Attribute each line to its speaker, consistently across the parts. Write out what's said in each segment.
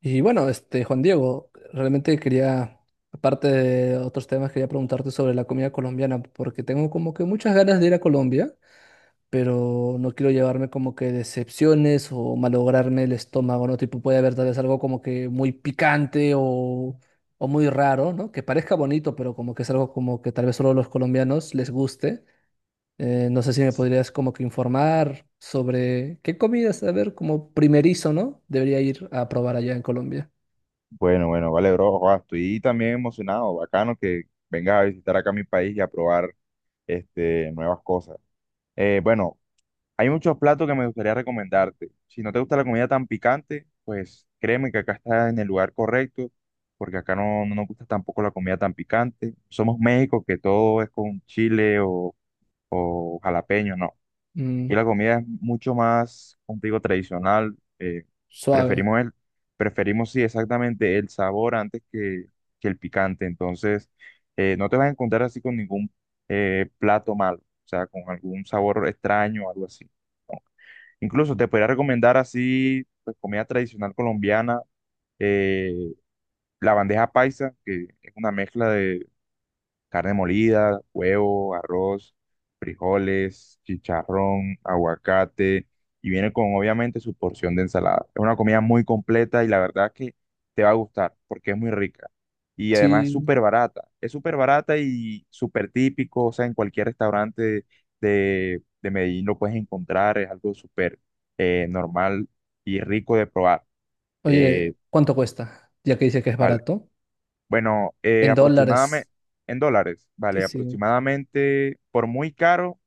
Speaker 1: Y bueno, este, Juan Diego, realmente quería, aparte de otros temas, quería preguntarte sobre la comida colombiana, porque tengo como que muchas ganas de ir a Colombia, pero no quiero llevarme como que decepciones o malograrme el estómago, ¿no? Tipo, puede haber tal vez algo como que muy picante o muy raro, ¿no? Que parezca bonito, pero como que es algo como que tal vez solo a los colombianos les guste. No sé si me podrías como que informar sobre qué comidas, a ver, como primerizo, ¿no? Debería ir a probar allá en Colombia.
Speaker 2: Bueno, bueno, vale, bro. Joa, estoy también emocionado, bacano que vengas a visitar acá mi país y a probar nuevas cosas. Bueno, hay muchos platos que me gustaría recomendarte. Si no te gusta la comida tan picante, pues créeme que acá estás en el lugar correcto, porque acá no nos gusta tampoco la comida tan picante. Somos México, que todo es con chile o jalapeño, ¿no? Aquí
Speaker 1: Mm,
Speaker 2: la comida es mucho más, como te digo, tradicional.
Speaker 1: suave.
Speaker 2: Preferimos el, preferimos, sí, exactamente el sabor antes que el picante. Entonces, no te vas a encontrar así con ningún plato malo, o sea, con algún sabor extraño o algo así. ¿No? Incluso te podría recomendar así, pues, comida tradicional colombiana, eh, la bandeja paisa, que es una mezcla de carne molida, huevo, arroz, frijoles, chicharrón, aguacate y viene con obviamente su porción de ensalada. Es una comida muy completa y la verdad que te va a gustar porque es muy rica y además es
Speaker 1: Sí.
Speaker 2: súper barata. Es súper barata y súper típico, o sea, en cualquier restaurante de Medellín lo puedes encontrar, es algo súper normal y rico de probar.
Speaker 1: Oye,
Speaker 2: Eh,
Speaker 1: ¿cuánto cuesta? Ya que dice que es
Speaker 2: val-
Speaker 1: barato.
Speaker 2: bueno,
Speaker 1: En
Speaker 2: aproximadamente
Speaker 1: dólares.
Speaker 2: en dólares,
Speaker 1: Sí,
Speaker 2: vale,
Speaker 1: sí.
Speaker 2: aproximadamente por muy caro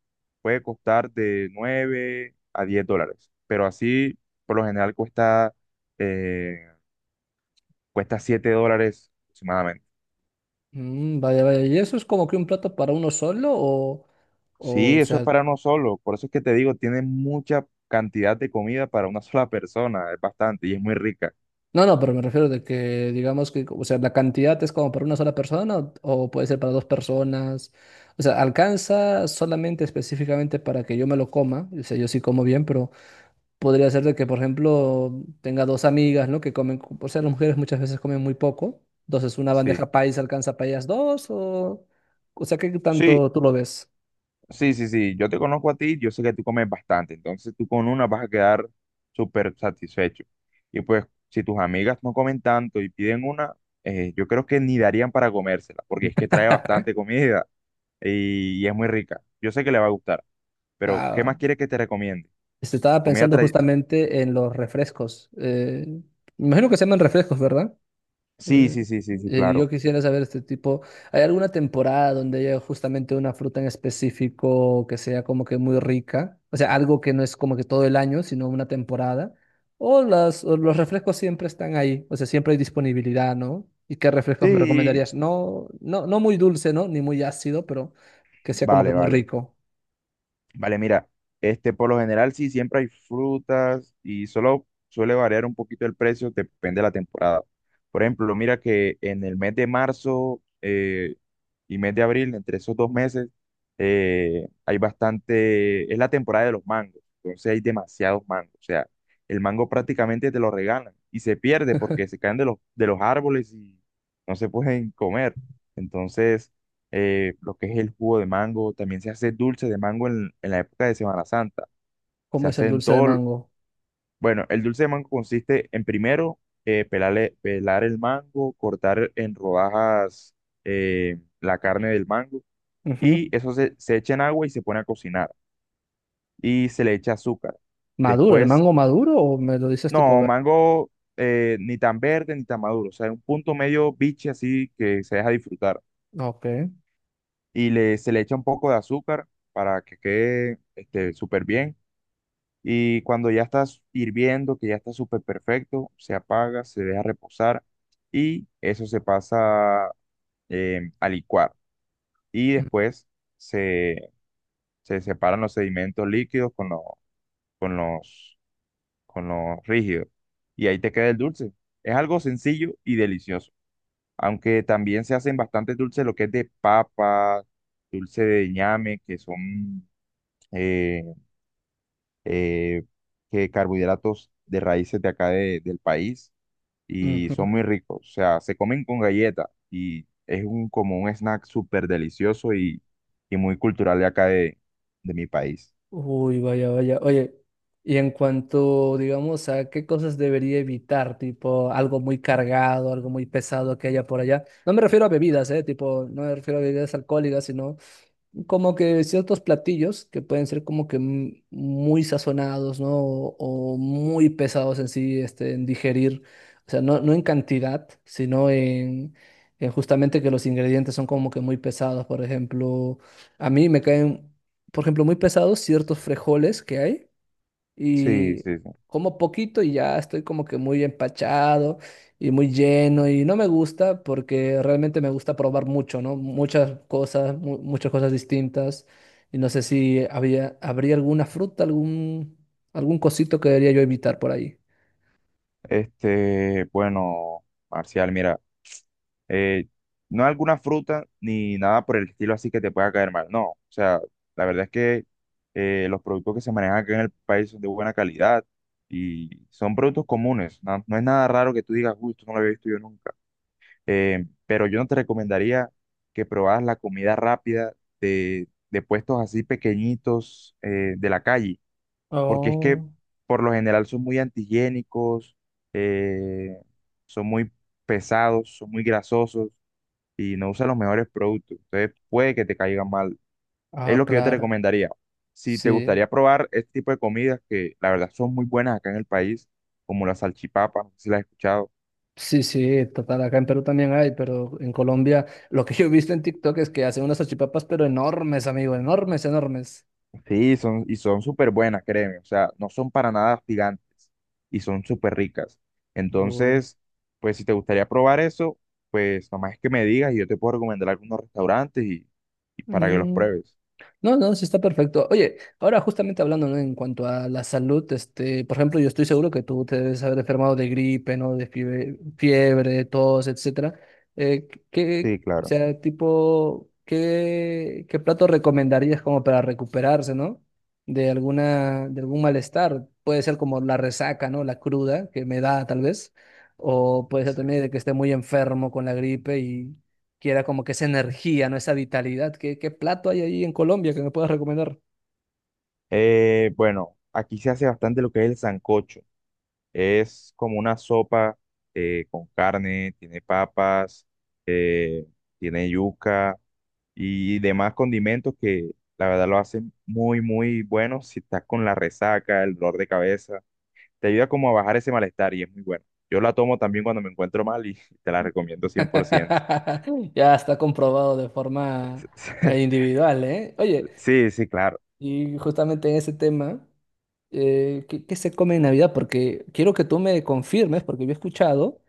Speaker 2: puede costar de $9 a $10, pero así por lo general eh, cuesta $7 aproximadamente.
Speaker 1: Mm, vaya, vaya. ¿Y eso es como que un plato para uno solo
Speaker 2: Sí,
Speaker 1: o
Speaker 2: eso es
Speaker 1: sea,
Speaker 2: para uno solo, por eso es que te digo, tiene mucha cantidad de comida para una sola persona, es bastante y es muy rica.
Speaker 1: no, no, pero me refiero de que digamos que, o sea, la cantidad es como para una sola persona o puede ser para dos personas. O sea, alcanza solamente específicamente para que yo me lo coma. O sea, yo sí como bien, pero podría ser de que, por ejemplo, tenga dos amigas, ¿no? Que comen, o sea, las mujeres muchas veces comen muy poco. Entonces, una
Speaker 2: Sí.
Speaker 1: bandeja paisa alcanza para ellas dos, o sea, ¿qué
Speaker 2: Sí,
Speaker 1: tanto tú lo ves?
Speaker 2: sí, yo te conozco a ti, yo sé que tú comes bastante, entonces tú con una vas a quedar súper satisfecho. Y pues si tus amigas no comen tanto y piden una, yo creo que ni darían para comérsela, porque es que trae bastante comida y es muy rica. Yo sé que le va a gustar, pero ¿qué
Speaker 1: Ah,
Speaker 2: más quieres que te recomiende?
Speaker 1: este, estaba
Speaker 2: Comida
Speaker 1: pensando
Speaker 2: tra...
Speaker 1: justamente en los refrescos. Me imagino que se llaman refrescos, ¿verdad?
Speaker 2: Sí,
Speaker 1: Eh,
Speaker 2: sí, sí, sí, sí, claro.
Speaker 1: yo quisiera saber este tipo, ¿hay alguna temporada donde haya justamente una fruta en específico que sea como que muy rica? O sea, algo que no es como que todo el año, sino una temporada. O las, o los refrescos siempre están ahí, o sea, siempre hay disponibilidad, ¿no? ¿Y qué refrescos me
Speaker 2: Sí,
Speaker 1: recomendarías? No, no, no muy dulce, ¿no? Ni muy ácido, pero que sea como que
Speaker 2: vale,
Speaker 1: muy
Speaker 2: vale.
Speaker 1: rico.
Speaker 2: Vale, mira, este por lo general sí siempre hay frutas y solo suele variar un poquito el precio, depende de la temporada. Por ejemplo, mira que en el mes de marzo, y mes de abril, entre esos dos meses, hay bastante, es la temporada de los mangos, entonces hay demasiados mangos, o sea, el mango prácticamente te lo regalan y se pierde porque se caen de de los árboles y no se pueden comer. Entonces, lo que es el jugo de mango, también se hace dulce de mango en la época de Semana Santa, se
Speaker 1: ¿Cómo es el
Speaker 2: hace en
Speaker 1: dulce de
Speaker 2: todo,
Speaker 1: mango?
Speaker 2: bueno, el dulce de mango consiste en primero... pelar el mango, cortar en rodajas la carne del mango
Speaker 1: Ujú.
Speaker 2: y se echa en agua y se pone a cocinar y se le echa azúcar.
Speaker 1: ¿Maduro? ¿El
Speaker 2: Después,
Speaker 1: mango maduro o me lo dices tipo
Speaker 2: no,
Speaker 1: verde?
Speaker 2: mango ni tan verde ni tan maduro, o sea, un punto medio biche así que se deja disfrutar
Speaker 1: Ok.
Speaker 2: y se le echa un poco de azúcar para que quede súper bien y cuando ya está hirviendo, que ya está súper perfecto, se apaga, se deja reposar y eso se pasa a licuar y después se, se separan los sedimentos líquidos con los con lo rígido. Y ahí te queda el dulce. Es algo sencillo y delicioso. Aunque también se hacen bastantes dulces, lo que es de papa, dulce de ñame, que son eh, eh, que carbohidratos de raíces de acá del país y
Speaker 1: Ujú.
Speaker 2: son muy ricos. O sea, se comen con galleta y es un, como un snack súper delicioso y muy cultural de acá de mi país.
Speaker 1: Uy, vaya, vaya. Oye, y en cuanto, digamos, a qué cosas debería evitar, tipo algo muy cargado, algo muy pesado que haya por allá. No me refiero a bebidas, ¿eh? Tipo, no me refiero a bebidas alcohólicas, sino como que ciertos platillos que pueden ser como que muy sazonados, ¿no? O muy pesados en sí, este, en digerir. O sea, no, no en cantidad, sino en justamente que los ingredientes son como que muy pesados. Por ejemplo, a mí me caen, por ejemplo, muy pesados ciertos frijoles que hay
Speaker 2: Sí,
Speaker 1: y
Speaker 2: sí, sí.
Speaker 1: como poquito y ya estoy como que muy empachado y muy lleno y no me gusta porque realmente me gusta probar mucho, ¿no? Muchas cosas, muchas cosas distintas y no sé si habría alguna fruta, algún, algún cosito que debería yo evitar por ahí.
Speaker 2: Este, bueno, Marcial, mira. eh, no alguna fruta ni nada por el estilo así que te pueda caer mal. No, o sea, la verdad es que los productos que se manejan acá en el país son de buena calidad y son productos comunes. No, no es nada raro que tú digas, uy, esto no lo había visto yo nunca. Pero yo no te recomendaría que probaras la comida rápida de puestos así pequeñitos de la calle, porque es que
Speaker 1: Oh,
Speaker 2: por lo general son muy antihigiénicos, eh, son muy pesados, son muy grasosos y no usa los mejores productos. Entonces puede que te caigan mal. Es
Speaker 1: ah,
Speaker 2: lo que yo te
Speaker 1: claro.
Speaker 2: recomendaría. Si te
Speaker 1: Sí,
Speaker 2: gustaría probar este tipo de comidas que la verdad son muy buenas acá en el país, como las salchipapas no sé si las has escuchado.
Speaker 1: sí, sí, total. Acá en Perú también hay, pero en Colombia lo que yo he visto en TikTok es que hacen unas salchipapas, pero enormes, amigo, enormes, enormes.
Speaker 2: Sí, son, y son súper buenas, créeme. O sea, no son para nada gigantes y son súper ricas.
Speaker 1: Uy.
Speaker 2: Entonces, pues si te gustaría probar eso, pues nomás es que me digas y yo te puedo recomendar algunos restaurantes y para que los
Speaker 1: Mm.
Speaker 2: pruebes.
Speaker 1: No, no, sí está perfecto. Oye, ahora justamente hablando, ¿no? En cuanto a la salud, este, por ejemplo, yo estoy seguro que tú te debes haber enfermado de gripe, ¿no? De fiebre, fiebre, tos, etcétera. ¿Qué,
Speaker 2: Sí,
Speaker 1: o
Speaker 2: claro.
Speaker 1: sea, tipo, qué plato recomendarías como para recuperarse, ¿no? De alguna, de algún malestar. Puede ser como la resaca, ¿no? La cruda que me da tal vez. O puede ser
Speaker 2: Sí.
Speaker 1: también de que esté muy enfermo con la gripe y quiera como que esa energía, ¿no? Esa vitalidad. ¿Qué plato hay ahí en Colombia que me puedas recomendar?
Speaker 2: Bueno, aquí se hace bastante lo que es el sancocho. Es como una sopa con carne, tiene papas, eh, tiene yuca y demás condimentos que la verdad lo hacen muy, muy bueno si estás con la resaca, el dolor de cabeza. Te ayuda como a bajar ese malestar y es muy bueno. Yo la tomo también cuando me encuentro mal y te la recomiendo 100%
Speaker 1: Ya está comprobado de forma individual, ¿eh? Oye,
Speaker 2: Sí, sí, claro.
Speaker 1: y justamente en ese tema, ¿qué, qué se come en Navidad? Porque quiero que tú me confirmes, porque yo he escuchado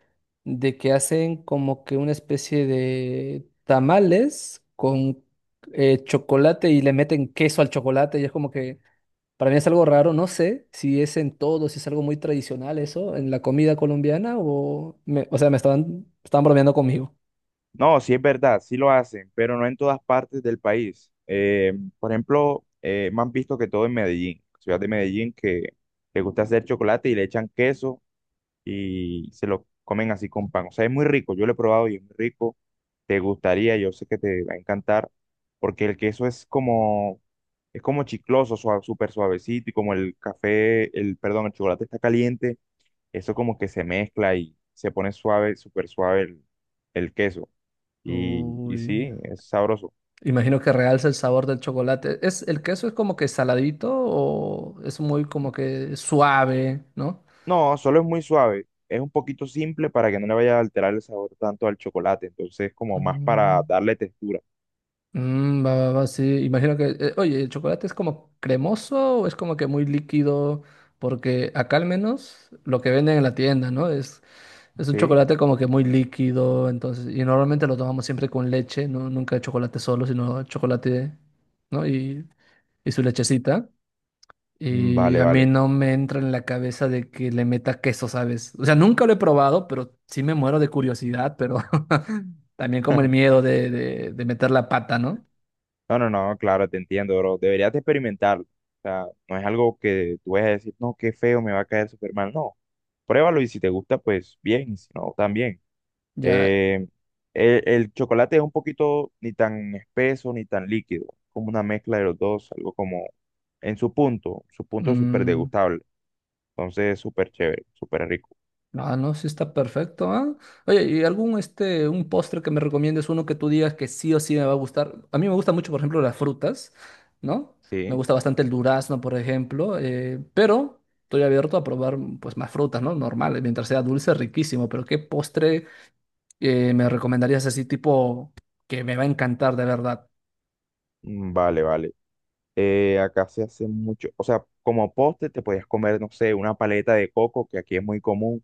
Speaker 1: de que hacen como que una especie de tamales con chocolate y le meten queso al chocolate y es como que para mí es algo raro, no sé si es en todo, si es algo muy tradicional eso, en la comida colombiana o... o sea, estaban bromeando conmigo.
Speaker 2: No, sí es verdad, sí lo hacen, pero no en todas partes del país. Por ejemplo, me han visto que todo en Medellín, ciudad de Medellín, que le gusta hacer chocolate y le echan queso y se lo comen así con pan. O sea, es muy rico, yo lo he probado y es muy rico. Te gustaría, yo sé que te va a encantar, porque el queso es como chicloso, suave, súper suavecito y como perdón, el chocolate está caliente, eso como que se mezcla y se pone suave, súper suave el queso. Y
Speaker 1: Uy.
Speaker 2: sí, es sabroso.
Speaker 1: Imagino que realza el sabor del chocolate. ¿Es, el queso es como que saladito o es muy como que suave, ¿no?
Speaker 2: No, solo es muy suave. Es un poquito simple para que no le vaya a alterar el sabor tanto al chocolate. Entonces, como más para
Speaker 1: Mm.
Speaker 2: darle textura.
Speaker 1: Mm, va, va, va, sí. Imagino que, oye, ¿el chocolate es como cremoso o es como que muy líquido? Porque acá al menos lo que venden en la tienda, ¿no? Es un
Speaker 2: Sí.
Speaker 1: chocolate como que muy líquido, entonces, y normalmente lo tomamos siempre con leche, ¿no? Nunca chocolate solo, sino chocolate, ¿no? Y su lechecita.
Speaker 2: Mm,
Speaker 1: Y
Speaker 2: vale,
Speaker 1: a mí
Speaker 2: vale.
Speaker 1: no me entra en la cabeza de que le meta queso, ¿sabes? O sea, nunca lo he probado, pero sí me muero de curiosidad, pero también como el miedo de meter la pata, ¿no?
Speaker 2: No, no, no, claro, te entiendo, bro. Deberías de experimentarlo. O sea, no es algo que tú vayas a decir, no, qué feo, me va a caer súper mal. No. Pruébalo y si te gusta, pues bien. Y si no, también.
Speaker 1: Ya,
Speaker 2: Eh, el chocolate es un poquito ni tan espeso ni tan líquido, como una mezcla de los dos, algo como en su punto es súper
Speaker 1: mm,
Speaker 2: degustable, entonces súper chévere, súper rico.
Speaker 1: ah, no, sí está perfecto, ¿ah? Oye, ¿y algún este, un postre que me recomiendes, uno que tú digas que sí o sí me va a gustar? A mí me gusta mucho, por ejemplo, las frutas, ¿no? Me
Speaker 2: Sí,
Speaker 1: gusta bastante el durazno, por ejemplo, pero estoy abierto a probar mm, pues más frutas, ¿no? Normal, mientras sea dulce, riquísimo, pero ¿qué postre me recomendarías así tipo que me va a encantar de verdad?
Speaker 2: mm, vale, vale. Acá se hace mucho, o sea, como postre te podías comer, no sé, una paleta de coco, que aquí es muy común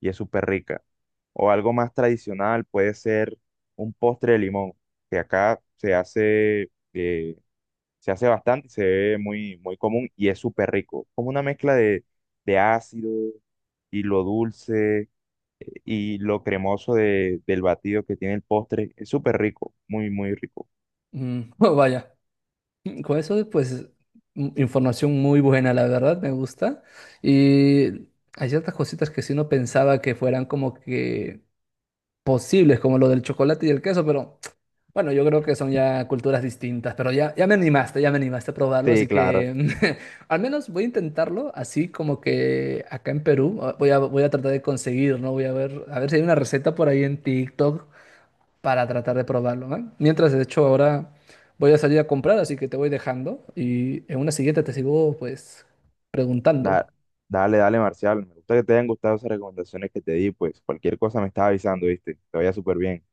Speaker 2: y es súper rica. O algo más tradicional puede ser un postre de limón, que acá se hace, se hace bastante, se ve muy, muy común y es súper rico. Como una mezcla de ácido y lo dulce y lo cremoso del batido que tiene el postre. Es súper rico, muy, muy rico.
Speaker 1: Mm, vaya. Con eso, pues, información muy buena, la verdad, me gusta. Y hay ciertas cositas que sí no pensaba que fueran como que posibles, como lo del chocolate y el queso, pero bueno, yo creo que son ya culturas distintas, pero ya, ya me animaste a probarlo,
Speaker 2: Sí,
Speaker 1: así
Speaker 2: claro.
Speaker 1: que al menos voy a intentarlo, así como que acá en Perú, ah, voy a tratar de conseguir, ¿no? Voy a ver si hay una receta por ahí en TikTok para tratar de probarlo, ¿eh? Mientras, de hecho, ahora voy a salir a comprar, así que te voy dejando y en una siguiente te sigo, pues, preguntando.
Speaker 2: Da- dale, dale, Marcial. Me gusta que te hayan gustado esas recomendaciones que te di. Pues cualquier cosa me estás avisando, ¿viste? Te vaya súper bien.